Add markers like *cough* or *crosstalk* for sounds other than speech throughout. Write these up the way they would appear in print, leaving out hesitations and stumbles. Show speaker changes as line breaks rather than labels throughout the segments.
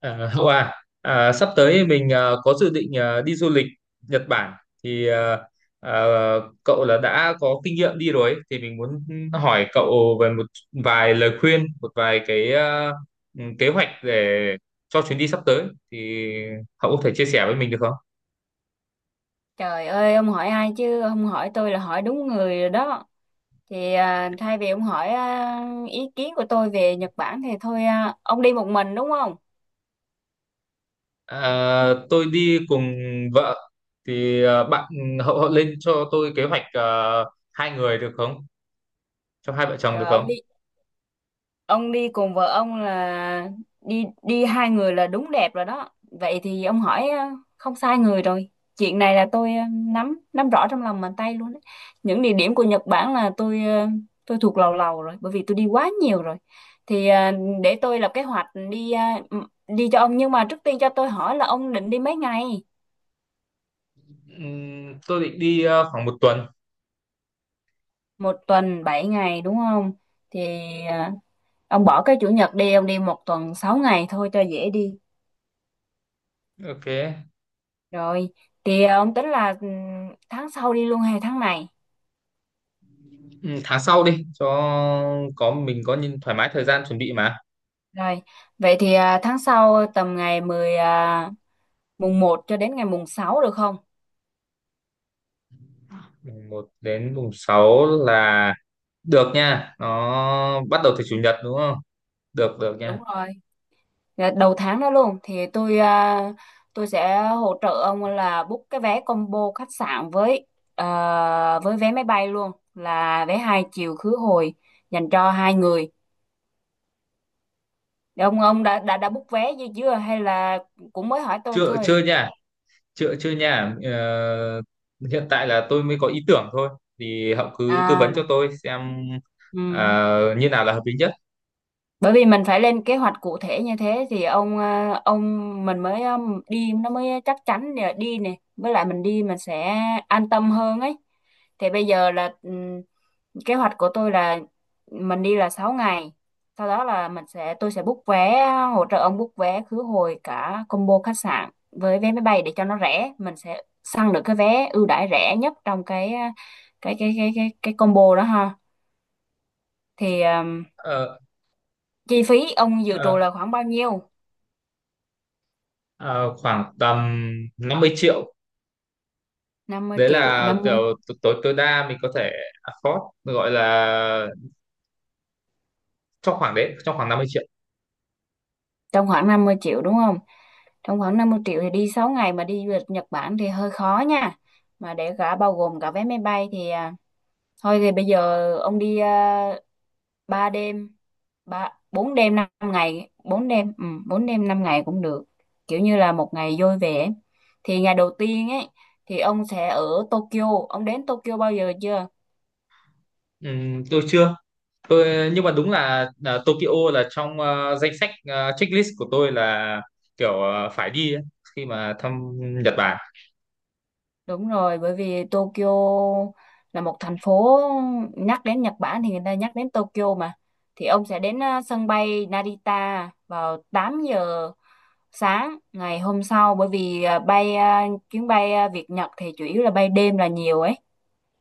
Hậu à, sắp tới mình có dự định đi du lịch Nhật Bản thì à, cậu là đã có kinh nghiệm đi rồi ấy. Thì mình muốn hỏi cậu về một vài lời khuyên, một vài cái kế hoạch để cho chuyến đi sắp tới thì hậu có thể chia sẻ với mình được không?
Trời ơi, ông hỏi ai chứ không hỏi tôi là hỏi đúng người rồi đó. Thay vì ông hỏi ý kiến của tôi về Nhật Bản thì ông đi một mình đúng không?
À, tôi đi cùng vợ thì à, bạn Hậu Hậu lên cho tôi kế hoạch à, hai người được không? Cho hai vợ chồng được
Rồi ông
không?
đi, ông đi cùng vợ ông là đi, đi hai người là đúng đẹp rồi đó. Vậy thì ông hỏi không sai người rồi. Chuyện này là tôi nắm nắm rõ trong lòng bàn tay luôn đấy. Những địa điểm của Nhật Bản là tôi thuộc lầu lầu rồi bởi vì tôi đi quá nhiều rồi. thì ờ, để tôi lập kế hoạch m- đi cho ông, nhưng mà trước tiên cho tôi hỏi là ông định đi mấy ngày.
Tôi định đi à, khoảng một tuần.
Một tuần bảy ngày đúng không? thì ờ, ông bỏ cái chủ nhật đi, ông đi một tuần sáu ngày thôi cho dễ đi.
Ok.
Rồi, ông tính là tháng sau đi luôn hay tháng này?
Ừ, tháng sau đi cho có mình có nhìn thoải mái thời gian chuẩn bị mà.
Rồi, vậy thì tháng sau tầm mùng một cho đến ngày mùng 6 được không?
Mùng 1 đến mùng 6 là được nha. Nó bắt đầu từ chủ nhật đúng không? Được được
Đúng
nha.
rồi. Là đầu tháng đó luôn thì tôi sẽ hỗ trợ ông là book cái vé combo khách sạn với với vé máy bay luôn, là vé hai chiều khứ hồi dành cho hai người. Thì ông đã book vé gì chưa, hay là cũng mới hỏi tôi
Chưa
thôi?
chưa nha. Chưa chưa nha. Ờ, Hiện tại là tôi mới có ý tưởng thôi. Thì Hậu cứ tư vấn cho
À,
tôi xem
ừ.
như nào là hợp lý nhất.
Bởi vì mình phải lên kế hoạch cụ thể như thế thì ông mình mới đi nó mới chắc chắn để đi nè, với lại mình đi mình sẽ an tâm hơn ấy. Thì bây giờ là kế hoạch của tôi là mình đi là 6 ngày, sau đó là mình sẽ tôi sẽ book vé, hỗ trợ ông book vé khứ hồi cả combo khách sạn với vé máy bay để cho nó rẻ, mình sẽ săn được cái vé ưu đãi rẻ nhất trong cái ờ, cái combo đó ha. Thì
Ờ,
chi phí ông dự trù
ờ,
là khoảng bao nhiêu?
ờ, Khoảng tầm 50 triệu.
Năm mươi
Đấy
triệu.
là kiểu
50
t- tối tối đa mình có thể afford gọi là trong khoảng 50 triệu.
trong khoảng 50 triệu đúng không? Trong khoảng 50 triệu thì đi 6 ngày mà đi du lịch Nhật Bản thì hơi khó nha, mà để cả bao gồm cả vé máy bay thì à, thôi thì bây giờ ông đi 3 đêm, ba 4 đêm 5 ngày, 4 đêm, ừ, 4 đêm 5 ngày cũng được, kiểu như là một ngày vui vẻ. Thì ngày đầu tiên ấy thì ông sẽ ở Tokyo. Ông đến Tokyo bao giờ chưa?
Tôi chưa tôi nhưng mà đúng là Tokyo là trong danh sách checklist của tôi là kiểu phải đi ấy, khi mà thăm Nhật Bản.
Đúng rồi, bởi vì Tokyo là một thành phố, nhắc đến Nhật Bản thì người ta nhắc đến Tokyo mà. Thì ông sẽ đến sân bay Narita vào 8 giờ sáng ngày hôm sau, bởi vì chuyến bay Việt Nhật thì chủ yếu là bay đêm là nhiều ấy.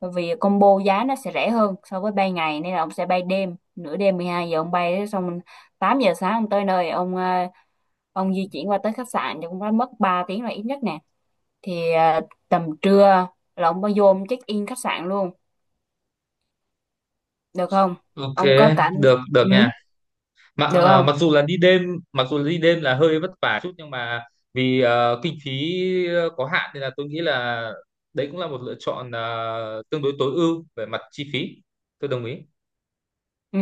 Bởi vì combo giá nó sẽ rẻ hơn so với bay ngày nên là ông sẽ bay đêm, nửa đêm 12 giờ ông bay xong, 8 giờ sáng ông tới nơi, ông di chuyển qua tới khách sạn thì cũng phải mất 3 tiếng là ít nhất nè. Thì à, tầm trưa là ông mới vô, ông check in khách sạn luôn được không?
Ok,
Ông có cả,
được được
ừ,
nha. Mà
được không?
mặc dù là đi đêm, mặc dù là đi đêm là hơi vất vả chút, nhưng mà vì kinh phí có hạn nên là tôi nghĩ là đấy cũng là một lựa chọn tương đối tối ưu về mặt chi phí. Tôi đồng ý.
Ừ.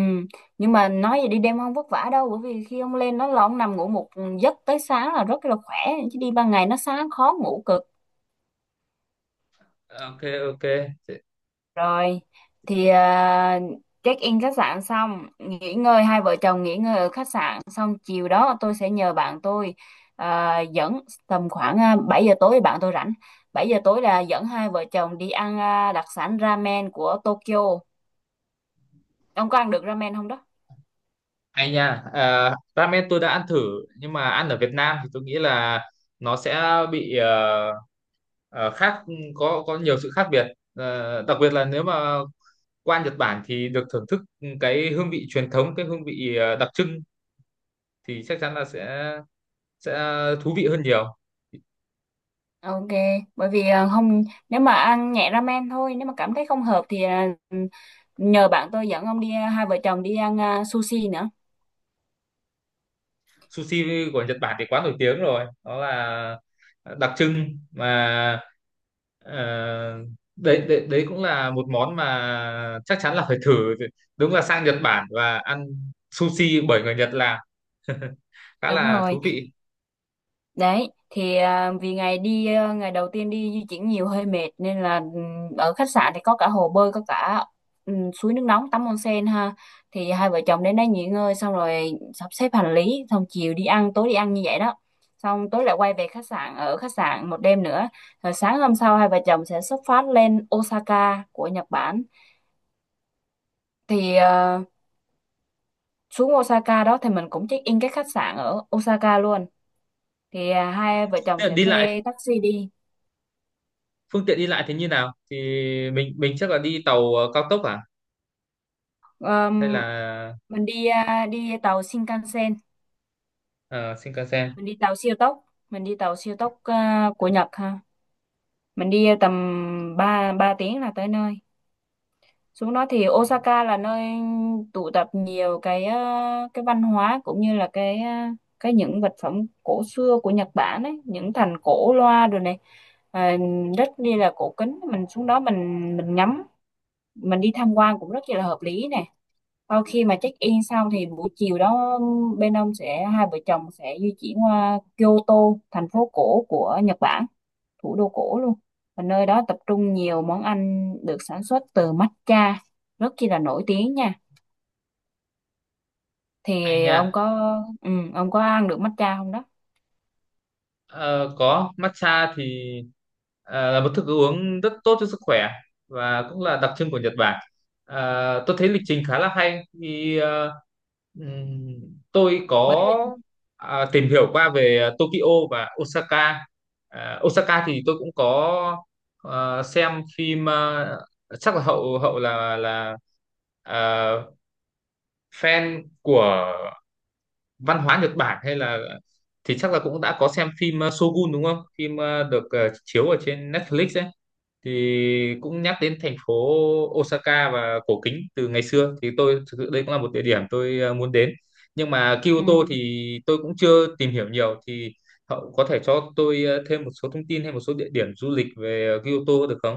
Nhưng mà nói vậy, đi đêm không vất vả đâu, bởi vì khi ông lên đó là ông nằm ngủ một giấc tới sáng là rất là khỏe, chứ đi ban ngày nó sáng khó ngủ cực.
Ok, ok.
Rồi, thì à, check-in khách sạn xong, nghỉ ngơi, hai vợ chồng nghỉ ngơi ở khách sạn xong, chiều đó tôi sẽ nhờ bạn tôi dẫn. Tầm khoảng 7 giờ tối bạn tôi rảnh. 7 giờ tối là dẫn hai vợ chồng đi ăn đặc sản ramen của Tokyo. Ông có ăn được ramen không đó?
Hay nha, à, ramen tôi đã ăn thử nhưng mà ăn ở Việt Nam thì tôi nghĩ là nó sẽ bị khác, có nhiều sự khác biệt. Ờ, đặc biệt là nếu mà qua Nhật Bản thì được thưởng thức cái hương vị truyền thống, cái hương vị đặc trưng thì chắc chắn là sẽ thú vị hơn nhiều.
Ok, bởi vì à, không, nếu mà ăn nhẹ ramen thôi, nếu mà cảm thấy không hợp thì à, nhờ bạn tôi dẫn ông đi, à, hai vợ chồng đi ăn sushi nữa.
Sushi của Nhật Bản thì quá nổi tiếng rồi đó, là đặc trưng mà. Ờ, đấy, đấy đấy cũng là một món mà chắc chắn là phải thử, đúng là sang Nhật Bản và ăn sushi bởi người Nhật làm *laughs* khá
Đúng
là thú
rồi.
vị.
Đấy, thì à, vì ngày đầu tiên đi di chuyển nhiều hơi mệt nên là ở khách sạn thì có cả hồ bơi, có cả suối nước nóng tắm onsen ha. Thì hai vợ chồng đến đấy nghỉ ngơi xong rồi sắp xếp hành lý, xong chiều đi ăn, tối đi ăn như vậy đó. Xong tối lại quay về khách sạn, ở khách sạn một đêm nữa. Rồi sáng hôm sau hai vợ chồng sẽ xuất phát lên Osaka của Nhật Bản. Thì à, xuống Osaka đó thì mình cũng check in cái khách sạn ở Osaka luôn. Thì à, hai vợ chồng
Thế
sẽ
đi lại
thuê taxi đi.
Phương tiện đi lại thì như nào thì mình chắc là đi tàu cao tốc à hay
Ờm,
là
mình đi đi tàu Shinkansen,
ờ, Shinkansen?
mình đi tàu siêu tốc, mình đi tàu siêu tốc của Nhật ha, mình đi tầm 3 3 tiếng là tới nơi. Xuống đó thì Osaka là nơi tụ tập nhiều cái cái văn hóa cũng như là cái những vật phẩm cổ xưa của Nhật Bản ấy, những thành cổ loa rồi này, à, rất như là cổ kính, mình xuống đó mình ngắm, mình đi tham quan cũng rất là hợp lý nè. Sau khi mà check in xong thì buổi chiều đó bên ông sẽ hai vợ chồng sẽ di chuyển qua Kyoto, thành phố cổ của Nhật Bản, thủ đô cổ luôn. Và nơi đó tập trung nhiều món ăn được sản xuất từ matcha, rất chi là nổi tiếng nha.
Hay
Thì ông
nha.
có, ừ, ông có ăn được matcha không đó?
Ờ, có matcha thì là một thức uống rất tốt cho sức khỏe và cũng là đặc trưng của Nhật Bản. Ờ, tôi thấy lịch trình khá là hay. Khi tôi
Bởi vì
có tìm hiểu qua về Tokyo và Osaka. À, Osaka thì tôi cũng có xem phim, chắc là hậu hậu là ờ, fan của văn hóa Nhật Bản hay là thì chắc là cũng đã có xem phim Shogun đúng không? Phim được chiếu ở trên Netflix ấy, thì cũng nhắc đến thành phố Osaka và cổ kính từ ngày xưa, thì tôi thực sự đây cũng là một địa điểm tôi muốn đến. Nhưng mà
ừ.
Kyoto thì tôi cũng chưa tìm hiểu nhiều, thì cậu có thể cho tôi thêm một số thông tin hay một số địa điểm du lịch về Kyoto được không?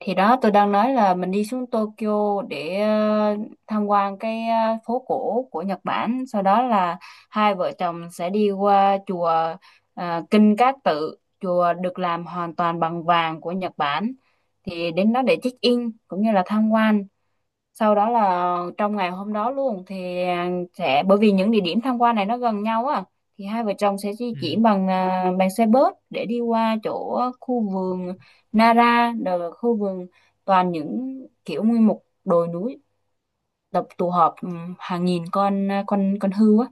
Thì đó tôi đang nói là mình đi xuống Tokyo để tham quan cái phố cổ của Nhật Bản. Sau đó là hai vợ chồng sẽ đi qua chùa Kinh Cát Tự, chùa được làm hoàn toàn bằng vàng của Nhật Bản. Thì đến đó để check in cũng như là tham quan, sau đó là trong ngày hôm đó luôn thì à, sẽ bởi vì những địa điểm tham quan này nó gần nhau á, thì hai vợ chồng sẽ di
Ừ.
chuyển bằng xe bus để đi qua chỗ khu vườn Nara, là khu vườn toàn những kiểu nguyên một đồi núi tập tụ họp hàng nghìn con à, con con hươu á.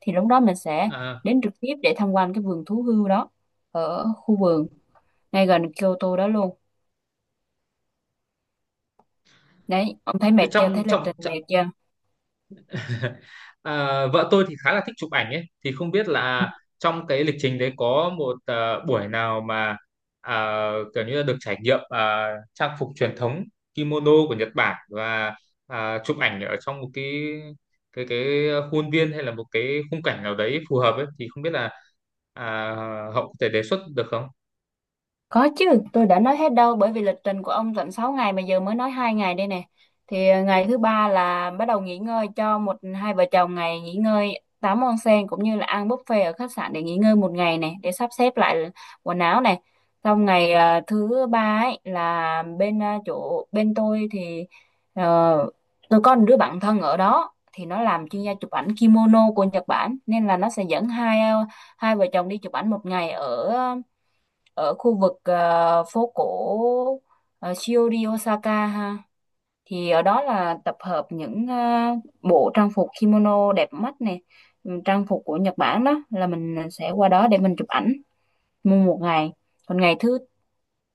Thì lúc đó mình sẽ
À,
đến trực tiếp để tham quan cái vườn thú hươu đó ở khu vườn ngay gần Kyoto đó luôn. Đấy, ông thấy
thế
mệt chưa,
trong
thấy lịch
trong
trình mệt chưa?
*laughs* Ờ, vợ tôi thì khá là thích chụp ảnh ấy, thì không biết là trong cái lịch trình đấy có một buổi nào mà kiểu như là được trải nghiệm trang phục truyền thống kimono của Nhật Bản và chụp ảnh ở trong một cái khuôn viên hay là một cái khung cảnh nào đấy phù hợp ấy, thì không biết là à, Hậu có thể đề xuất được không?
Có chứ, tôi đã nói hết đâu, bởi vì lịch trình của ông tận 6 ngày mà giờ mới nói hai ngày đây nè. Thì ờ, ngày thứ ba là bắt đầu nghỉ ngơi cho một hai vợ chồng ngày nghỉ ngơi tắm onsen, cũng như là ăn buffet ở khách sạn để nghỉ ngơi một ngày này để sắp xếp lại quần áo này. Xong ngày thứ ba ấy là bên chỗ bên tôi thì ờ, tôi có một đứa bạn thân ở đó, thì nó làm chuyên gia chụp ảnh kimono của Nhật Bản, nên là nó sẽ dẫn hai vợ chồng đi chụp ảnh một ngày ở ở khu vực phố cổ Shiori Osaka ha. Thì ở đó là tập hợp những bộ trang phục kimono đẹp mắt này, ừ, trang phục của Nhật Bản đó, là mình sẽ qua đó để mình chụp ảnh mua một ngày. Còn ngày thứ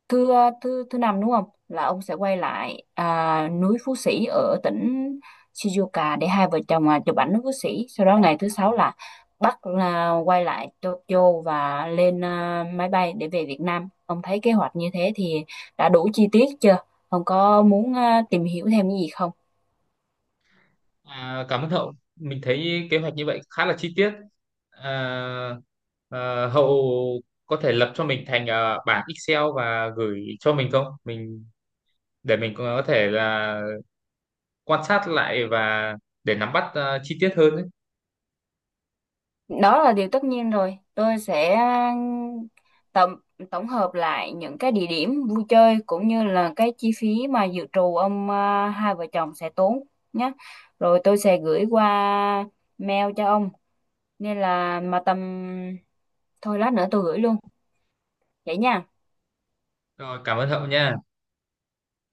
thứ ờ, thứ thứ năm đúng không, là ông sẽ quay lại núi Phú Sĩ ở tỉnh Shizuoka để hai vợ chồng chụp ảnh núi Phú Sĩ, sau đó ngày thứ sáu là Bắc là quay lại Tokyo và lên máy bay để về Việt Nam. Ông thấy kế hoạch như thế thì đã đủ chi tiết chưa, ông có muốn tìm hiểu thêm cái gì không?
À, cảm ơn Hậu. Mình thấy kế hoạch như vậy khá là chi tiết. À, Hậu có thể lập cho mình thành à, bảng Excel và gửi cho mình không? Mình để mình có thể là quan sát lại và để nắm bắt à, chi tiết hơn ấy.
Đó là điều tất nhiên rồi, tôi sẽ tổng tổng hợp lại những cái địa điểm vui chơi cũng như là cái chi phí mà dự trù hai vợ chồng sẽ tốn nhé. Rồi tôi sẽ gửi qua mail cho ông, nên là mà tầm, thôi lát nữa tôi gửi luôn vậy nha.
Rồi, cảm ơn Hậu nha.